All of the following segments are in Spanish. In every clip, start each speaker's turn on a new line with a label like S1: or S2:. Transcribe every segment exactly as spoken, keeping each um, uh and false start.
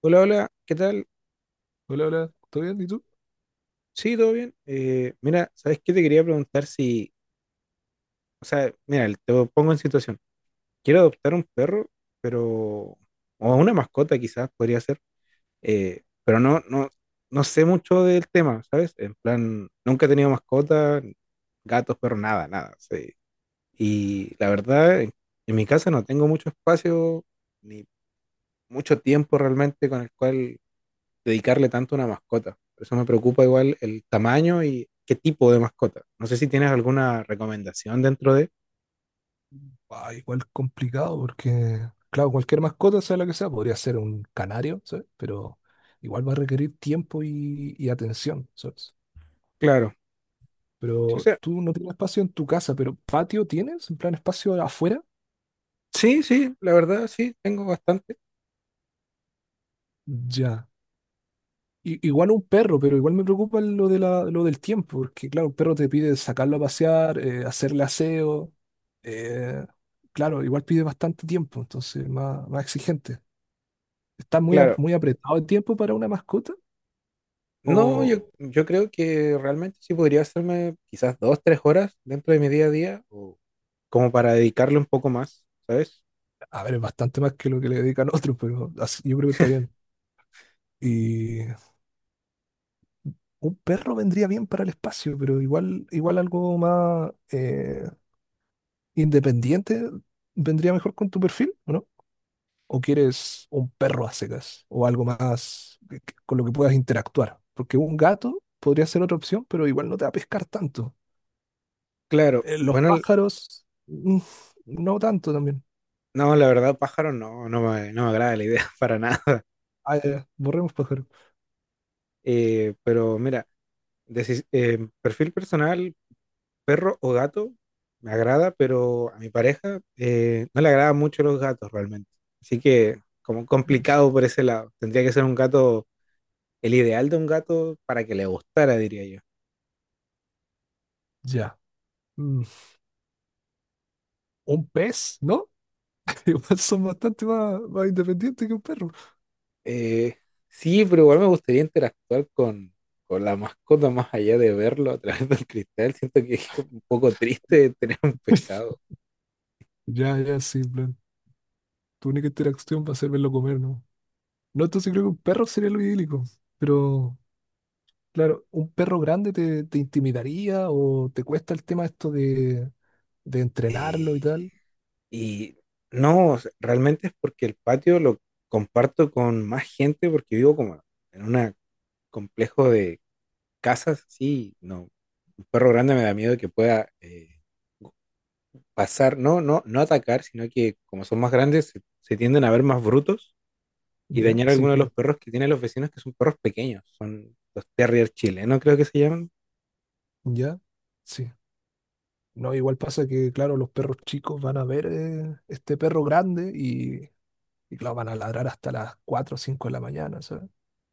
S1: Hola, hola, ¿qué tal?
S2: Hola, hola, ¿todo bien? ¿Y tú?
S1: Sí, todo bien. Eh, mira, ¿sabes qué te quería preguntar si, o sea, mira, te lo pongo en situación. Quiero adoptar un perro, pero, o una mascota quizás podría ser, eh, pero no, no, no sé mucho del tema, ¿sabes? En plan, nunca he tenido mascota, gatos, perros, nada, nada. Sí. Y la verdad, en, en mi casa no tengo mucho espacio, ni mucho tiempo realmente con el cual dedicarle tanto a una mascota. Por eso me preocupa igual el tamaño y qué tipo de mascota. No sé si tienes alguna recomendación dentro de...
S2: Ah, igual complicado porque, claro, cualquier mascota, sea la que sea, podría ser un canario, ¿sabes? Pero igual va a requerir tiempo y, y atención, ¿sabes?
S1: Claro. Sí, o
S2: Pero
S1: sea,
S2: tú no tienes espacio en tu casa, pero ¿patio tienes? ¿En plan espacio afuera?
S1: sí, sí, la verdad sí, tengo bastante.
S2: Ya. I- igual un perro, pero igual me preocupa lo de la, lo del tiempo, porque claro, un perro te pide sacarlo a pasear, eh, hacerle aseo, eh, claro, igual pide bastante tiempo, entonces más, más exigente. Está muy, a-
S1: Claro.
S2: muy apretado el tiempo para una mascota.
S1: No,
S2: O,
S1: yo, yo creo que realmente sí podría hacerme quizás dos, tres horas dentro de mi día a día o como para dedicarle un poco más, ¿sabes?
S2: a ver, es bastante más que lo que le dedican otros, pero así- yo creo que está bien. Y un perro vendría bien para el espacio, pero igual, igual algo más eh, independiente vendría mejor con tu perfil, ¿o ¿no? ¿O quieres un perro a secas o algo más que- que- con lo que puedas interactuar? Porque un gato podría ser otra opción, pero igual no te va a pescar tanto.
S1: Claro.
S2: Eh, los
S1: Bueno, l-
S2: pájaros, mm, no tanto también.
S1: no, la verdad, pájaro no, no me, no me agrada la idea para nada.
S2: Ah, ya, ya, borremos pájaros.
S1: Eh, pero mira, deci- eh, perfil personal, perro o gato me agrada, pero a mi pareja eh, no le agradan mucho los gatos realmente. Así que como complicado por ese lado. Tendría que ser un gato, el ideal de un gato para que le gustara, diría yo.
S2: Ya. Mm, un pez, ¿no? Igual son bastante más, más independientes que un perro.
S1: Eh, sí, pero igual me gustaría interactuar con, con la mascota más allá de verlo a través del cristal. Siento que es un poco triste tener un pescado.
S2: Ya, ya, sí, en plan. Tu única interacción va a ser verlo comer, ¿no? No, entonces creo que un perro sería lo idílico. Pero, claro, ¿un perro grande te, te intimidaría o te cuesta el tema esto de, de entrenarlo y
S1: Eh,
S2: tal?
S1: y no, o sea, realmente es porque el patio lo comparto con más gente porque vivo como en una complejo de casas, sí, no. Un perro grande me da miedo que pueda eh, pasar, no, no, no atacar, sino que como son más grandes, se, se tienden a ver más brutos y
S2: ¿Ya?
S1: dañar a
S2: Sí,
S1: alguno de los
S2: claro.
S1: perros que tienen los vecinos, que son perros pequeños, son los terrier chilenos, creo que se llaman.
S2: ¿Ya? Sí. No, igual pasa que, claro, los perros chicos van a ver eh, este perro grande y, y, claro, van a ladrar hasta las cuatro o cinco de la mañana.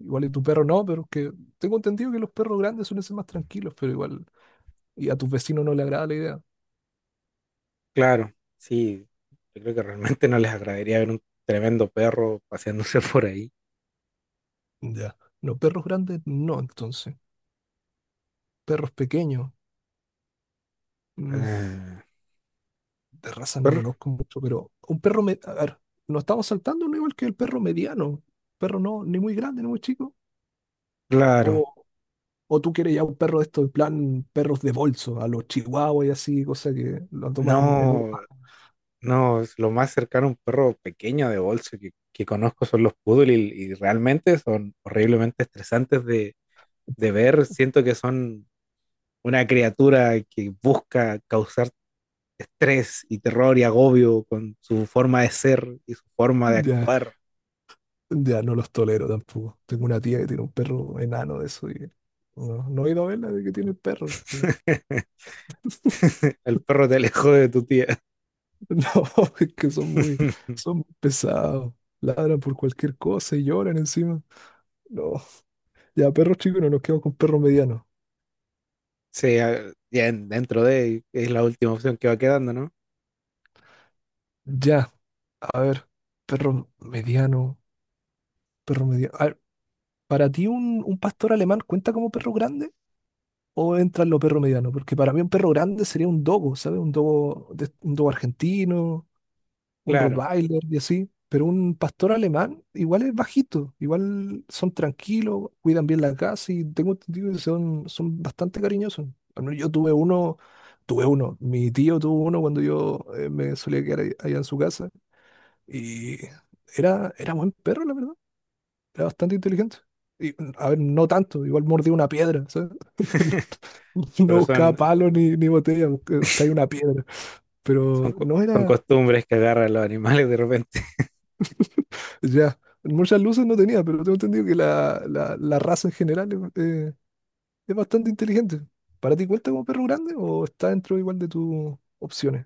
S2: Igual y tu perro no, pero es que tengo entendido que los perros grandes suelen ser más tranquilos, pero igual, y a tus vecinos no le agrada la idea.
S1: Claro, sí, yo creo que realmente no les agradaría ver un tremendo perro paseándose por ahí.
S2: Ya. Los perros grandes no, entonces. Perros pequeños, mm,
S1: Eh,
S2: de razas no
S1: perro,
S2: conozco mucho, pero un perro, me- a ver, nos estamos saltando no igual que el perro mediano. Perro no, ni muy grande, ni muy chico.
S1: claro.
S2: O, o tú quieres ya un perro de estos, en plan, perros de bolso, a los chihuahuas y así, cosa que lo tomas en, en una.
S1: No, no, es lo más cercano a un perro pequeño de bolso que, que conozco son los poodle y, y realmente son horriblemente estresantes de, de ver. Siento que son una criatura que busca causar estrés y terror y agobio con su forma de ser y su forma de
S2: Ya.
S1: actuar.
S2: Ya no los tolero tampoco. Tengo una tía que tiene un perro enano de eso y no, no he ido a verla de que tiene el perro. porque-
S1: El perro te alejó de tu tía.
S2: No, es que son muy, son muy pesados. Ladran por cualquier cosa y lloran encima. No, ya perros chicos no nos quedamos con perros medianos.
S1: Sí, a- ya en- dentro de es la última opción que va quedando, ¿no?
S2: Ya, a ver, perro mediano, perro mediano. A ver, ¿para ti un, un pastor alemán cuenta como perro grande o entra en lo perro mediano? Porque para mí un perro grande sería un dogo, ¿sabes? Un dogo, de- un dogo argentino, un
S1: Claro,
S2: Rottweiler y así, pero un pastor alemán igual es bajito, igual son tranquilos, cuidan bien la casa y tengo entendido que son, son bastante cariñosos. Al menos yo tuve uno, tuve uno, mi tío tuvo uno cuando yo eh, me solía quedar ahí- allá en su casa y era, era buen perro, la verdad, era bastante inteligente. Y, a ver, no tanto, igual mordía una piedra, ¿sabes? No
S1: pero
S2: buscaba
S1: son,
S2: palo ni, ni botella, buscaba- traía una piedra.
S1: son,
S2: Pero
S1: co-
S2: no
S1: son
S2: era,
S1: costumbres que agarran los animales de repente.
S2: Ya, muchas luces no tenía, pero tengo entendido que la, la- la raza en general es, eh, es bastante inteligente. ¿Para ti cuenta como perro grande o está dentro igual de tus opciones?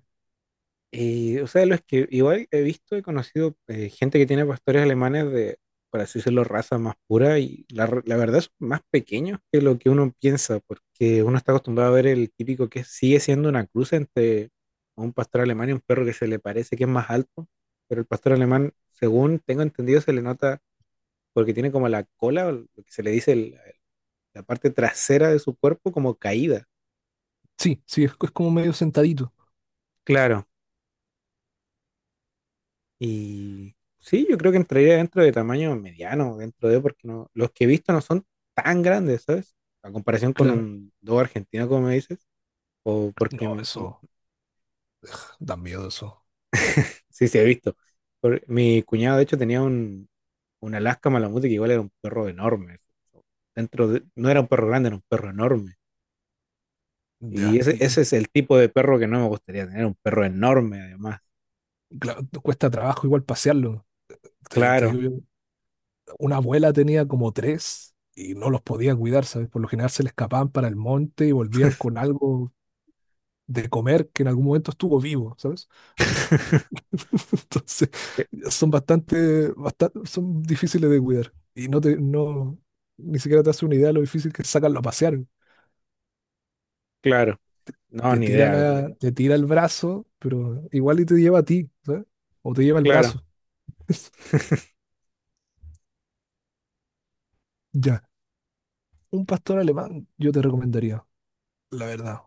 S1: Y, o sea, los que igual he visto, he conocido eh, gente que tiene pastores alemanes de, por así decirlo, raza más pura y la, r- la verdad son más pequeños que lo que uno piensa, porque uno está acostumbrado a ver el típico que sigue siendo una cruz entre un pastor alemán y un perro que se le parece que es más alto, pero el pastor alemán, según tengo entendido, se le nota porque tiene como la cola, o lo que se le dice el- la parte trasera de su cuerpo como caída.
S2: Sí, sí, es, es como medio sentadito.
S1: Claro, y sí, yo creo que entraría dentro de tamaño mediano, dentro de, porque no, los que he visto no son tan grandes, ¿sabes? A comparación con
S2: Claro.
S1: un dog argentino, como me dices, o porque
S2: No,
S1: mi- mi-
S2: eso da miedo eso.
S1: sí, sí he visto. Por- mi cuñado, de hecho, tenía un, un Alaska Malamute que igual era un perro enorme. Dentro de- no era un perro grande, era un perro enorme. Y
S2: Ya,
S1: ese,
S2: y y,
S1: ese es el tipo de perro que no me gustaría tener, un perro enorme, además.
S2: claro, cuesta trabajo igual pasearlo. Te, te
S1: Claro.
S2: digo yo, una abuela tenía como tres y no los podía cuidar, ¿sabes? Por lo general se le escapaban para el monte y volvían con algo de comer que en algún momento estuvo vivo, ¿sabes? Entonces, son bastante, bastante, son difíciles de cuidar. Y no te, no, ni siquiera te hace una idea de lo difícil que es sacarlo a pasear.
S1: Claro, no,
S2: Te
S1: ni
S2: tira
S1: idea. Sí.
S2: la, te tira el brazo, pero igual y te lleva a ti, ¿sabes? O te lleva el
S1: Claro,
S2: brazo. Ya. Un pastor alemán yo te recomendaría, la verdad.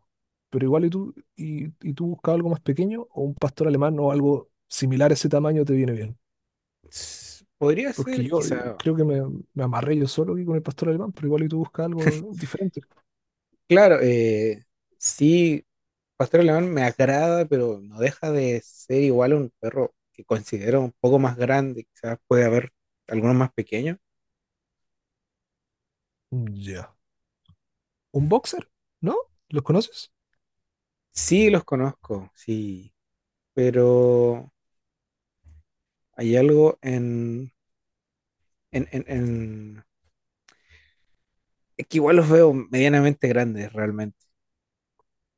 S2: Pero igual y tú, y, y tú buscas algo más pequeño, o un pastor alemán o algo similar a ese tamaño te viene bien.
S1: s- podría
S2: Porque
S1: ser
S2: yo eh,
S1: quizá.
S2: creo que me, me amarré yo solo aquí con el pastor alemán, pero igual y tú buscas algo diferente.
S1: Claro, eh, sí, Pastor Alemán me agrada, pero no deja de ser igual a un perro que considero un poco más grande, quizás puede haber algunos más pequeños.
S2: Ya. Un boxer, ¿no? ¿Los conoces?
S1: Sí, los conozco, sí, pero hay algo en, en, en, en- es que igual los veo medianamente grandes realmente.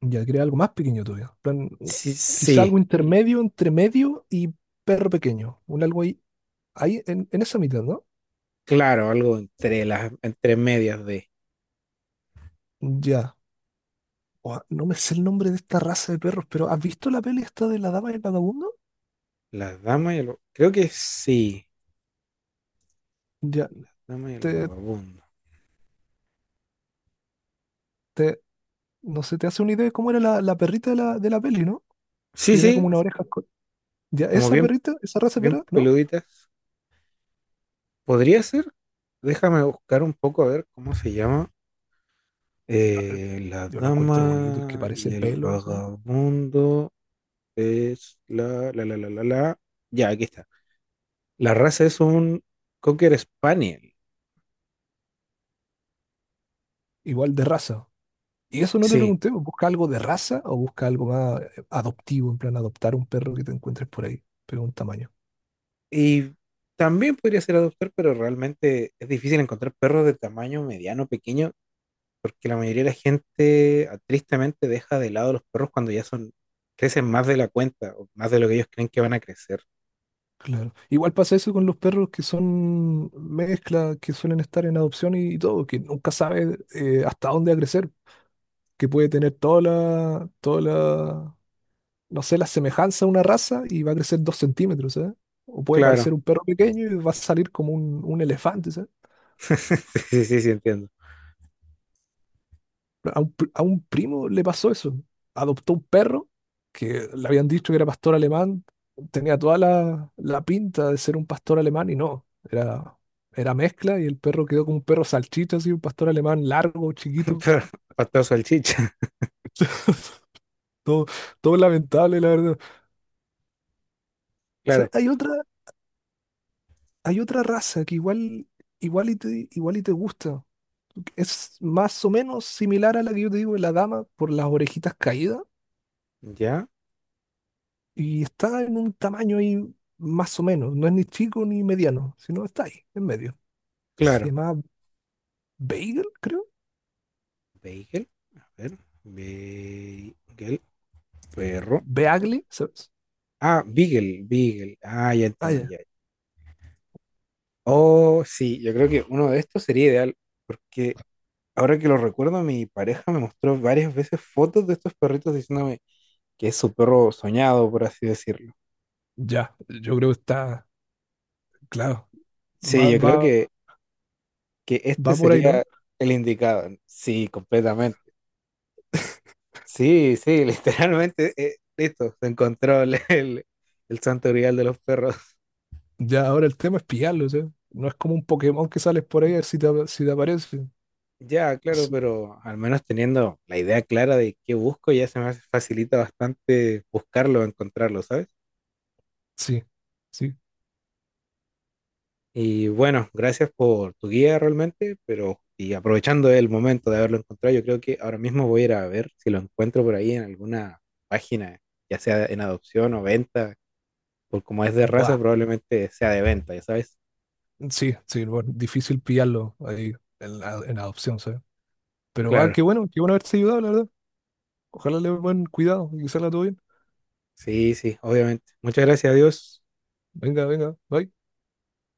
S2: Ya quería algo más pequeño todavía. En plan, un-
S1: Sí,
S2: Quizá
S1: sí,
S2: algo intermedio, entre medio y perro pequeño. Un algo ahí, ahí en, en esa mitad, ¿no?
S1: claro, algo entre las, entre medias de
S2: Ya. Ua, no me sé el nombre de esta raza de perros, pero ¿has visto la peli esta de la dama y el vagabundo?
S1: las damas y el, creo que sí,
S2: Ya,
S1: las damas y el
S2: te,
S1: vagabundo.
S2: te, no sé, te hace una idea de cómo era la, la perrita de la, de la peli, ¿no? Que
S1: Sí,
S2: tenía como
S1: sí,
S2: una oreja. co- Ya,
S1: como
S2: esa
S1: bien
S2: perrita, esa raza de
S1: bien
S2: perro, ¿no?
S1: peluditas. ¿Podría ser? Déjame buscar un poco a ver cómo se llama.
S2: Sí, a ver,
S1: Eh, la
S2: yo lo encuentro bonito, el que
S1: dama
S2: parece
S1: y el
S2: pelo, o sea,
S1: vagabundo es la, la, la, la, la, la. Ya, aquí está. La raza es un Cocker Spaniel.
S2: igual de raza. Y eso no te
S1: Sí.
S2: pregunté, pues, ¿busca algo de raza o busca algo más eh, adoptivo, en plan adoptar un perro que te encuentres por ahí? Pero un tamaño,
S1: Y también podría ser adoptar, pero realmente es difícil encontrar perros de tamaño mediano, pequeño, porque la mayoría de la gente ah, tristemente deja de lado los perros cuando ya son, crecen más de la cuenta o más de lo que ellos creen que van a crecer.
S2: claro. Igual pasa eso con los perros que son mezclas, que suelen estar en adopción y, todo, que nunca sabes eh, hasta dónde va a crecer, que puede tener toda la, toda la, no sé, la semejanza a una raza y va a crecer dos centímetros, ¿sabes? O puede
S1: Claro.
S2: parecer un perro pequeño y va a salir como un, un elefante, ¿sabes?
S1: Sí, sí, sí, entiendo.
S2: A un, pr- a un primo le pasó eso. Adoptó un perro que le habían dicho que era pastor alemán. Tenía toda la, la pinta de ser un pastor alemán y no. Era, era mezcla y el perro quedó como un perro salchicha, así, un pastor alemán largo, chiquito.
S1: Pero pastel o salchicha.
S2: Todo, todo lamentable, la verdad. O sea,
S1: Claro.
S2: hay otra, hay otra raza que igual, igual y te, igual y te gusta. Es más o menos similar a la que yo te digo de la dama por las orejitas caídas.
S1: Ya,
S2: Y está en un tamaño ahí más o menos. No es ni chico ni mediano, sino está ahí, en medio. Se
S1: claro.
S2: llama Bagel, creo.
S1: Bagel. A ver. Bagel. Perro.
S2: Beagle, ¿sabes?
S1: Ah, Beagle. Beagle. Ah, ya
S2: Ah,
S1: entendí.
S2: ya.
S1: Ya. Oh, sí. Yo creo que uno de estos sería ideal. Porque ahora que lo recuerdo, mi pareja me mostró varias veces fotos de estos perritos diciéndome que es su perro soñado, por así decirlo.
S2: Ya, yo creo que está, claro.
S1: Sí,
S2: Va,
S1: yo creo
S2: va,
S1: que, que este
S2: va por ahí,
S1: sería
S2: ¿no?
S1: el indicado. Sí, completamente. Sí, sí, literalmente, eh, listo, se encontró el, el, el santo grial de los perros.
S2: Ya, ahora el tema es pillarlo, ¿sabes? No es como un Pokémon que sales por ahí a ver si te, ap- si te aparece.
S1: Ya, claro,
S2: Sí,
S1: pero al menos teniendo la idea clara de qué busco, ya se me hace- facilita bastante buscarlo, encontrarlo, ¿sabes?
S2: sí, sí.
S1: Y bueno, gracias por tu guía realmente, pero y aprovechando el momento de haberlo encontrado, yo creo que ahora mismo voy a ir a ver si lo encuentro por ahí en alguna página, ya sea en adopción o venta, por como es de raza,
S2: Buah.
S1: probablemente sea de venta, ya sabes.
S2: Sí, sí, bueno, difícil pillarlo ahí en, la- en adopción, ¿sabes? Pero ah,
S1: Claro.
S2: qué bueno, qué bueno haberte ayudado, la verdad. Ojalá le den buen cuidado y que salga todo bien.
S1: Sí, sí, obviamente. Muchas gracias a Dios.
S2: Venga, venga, bye.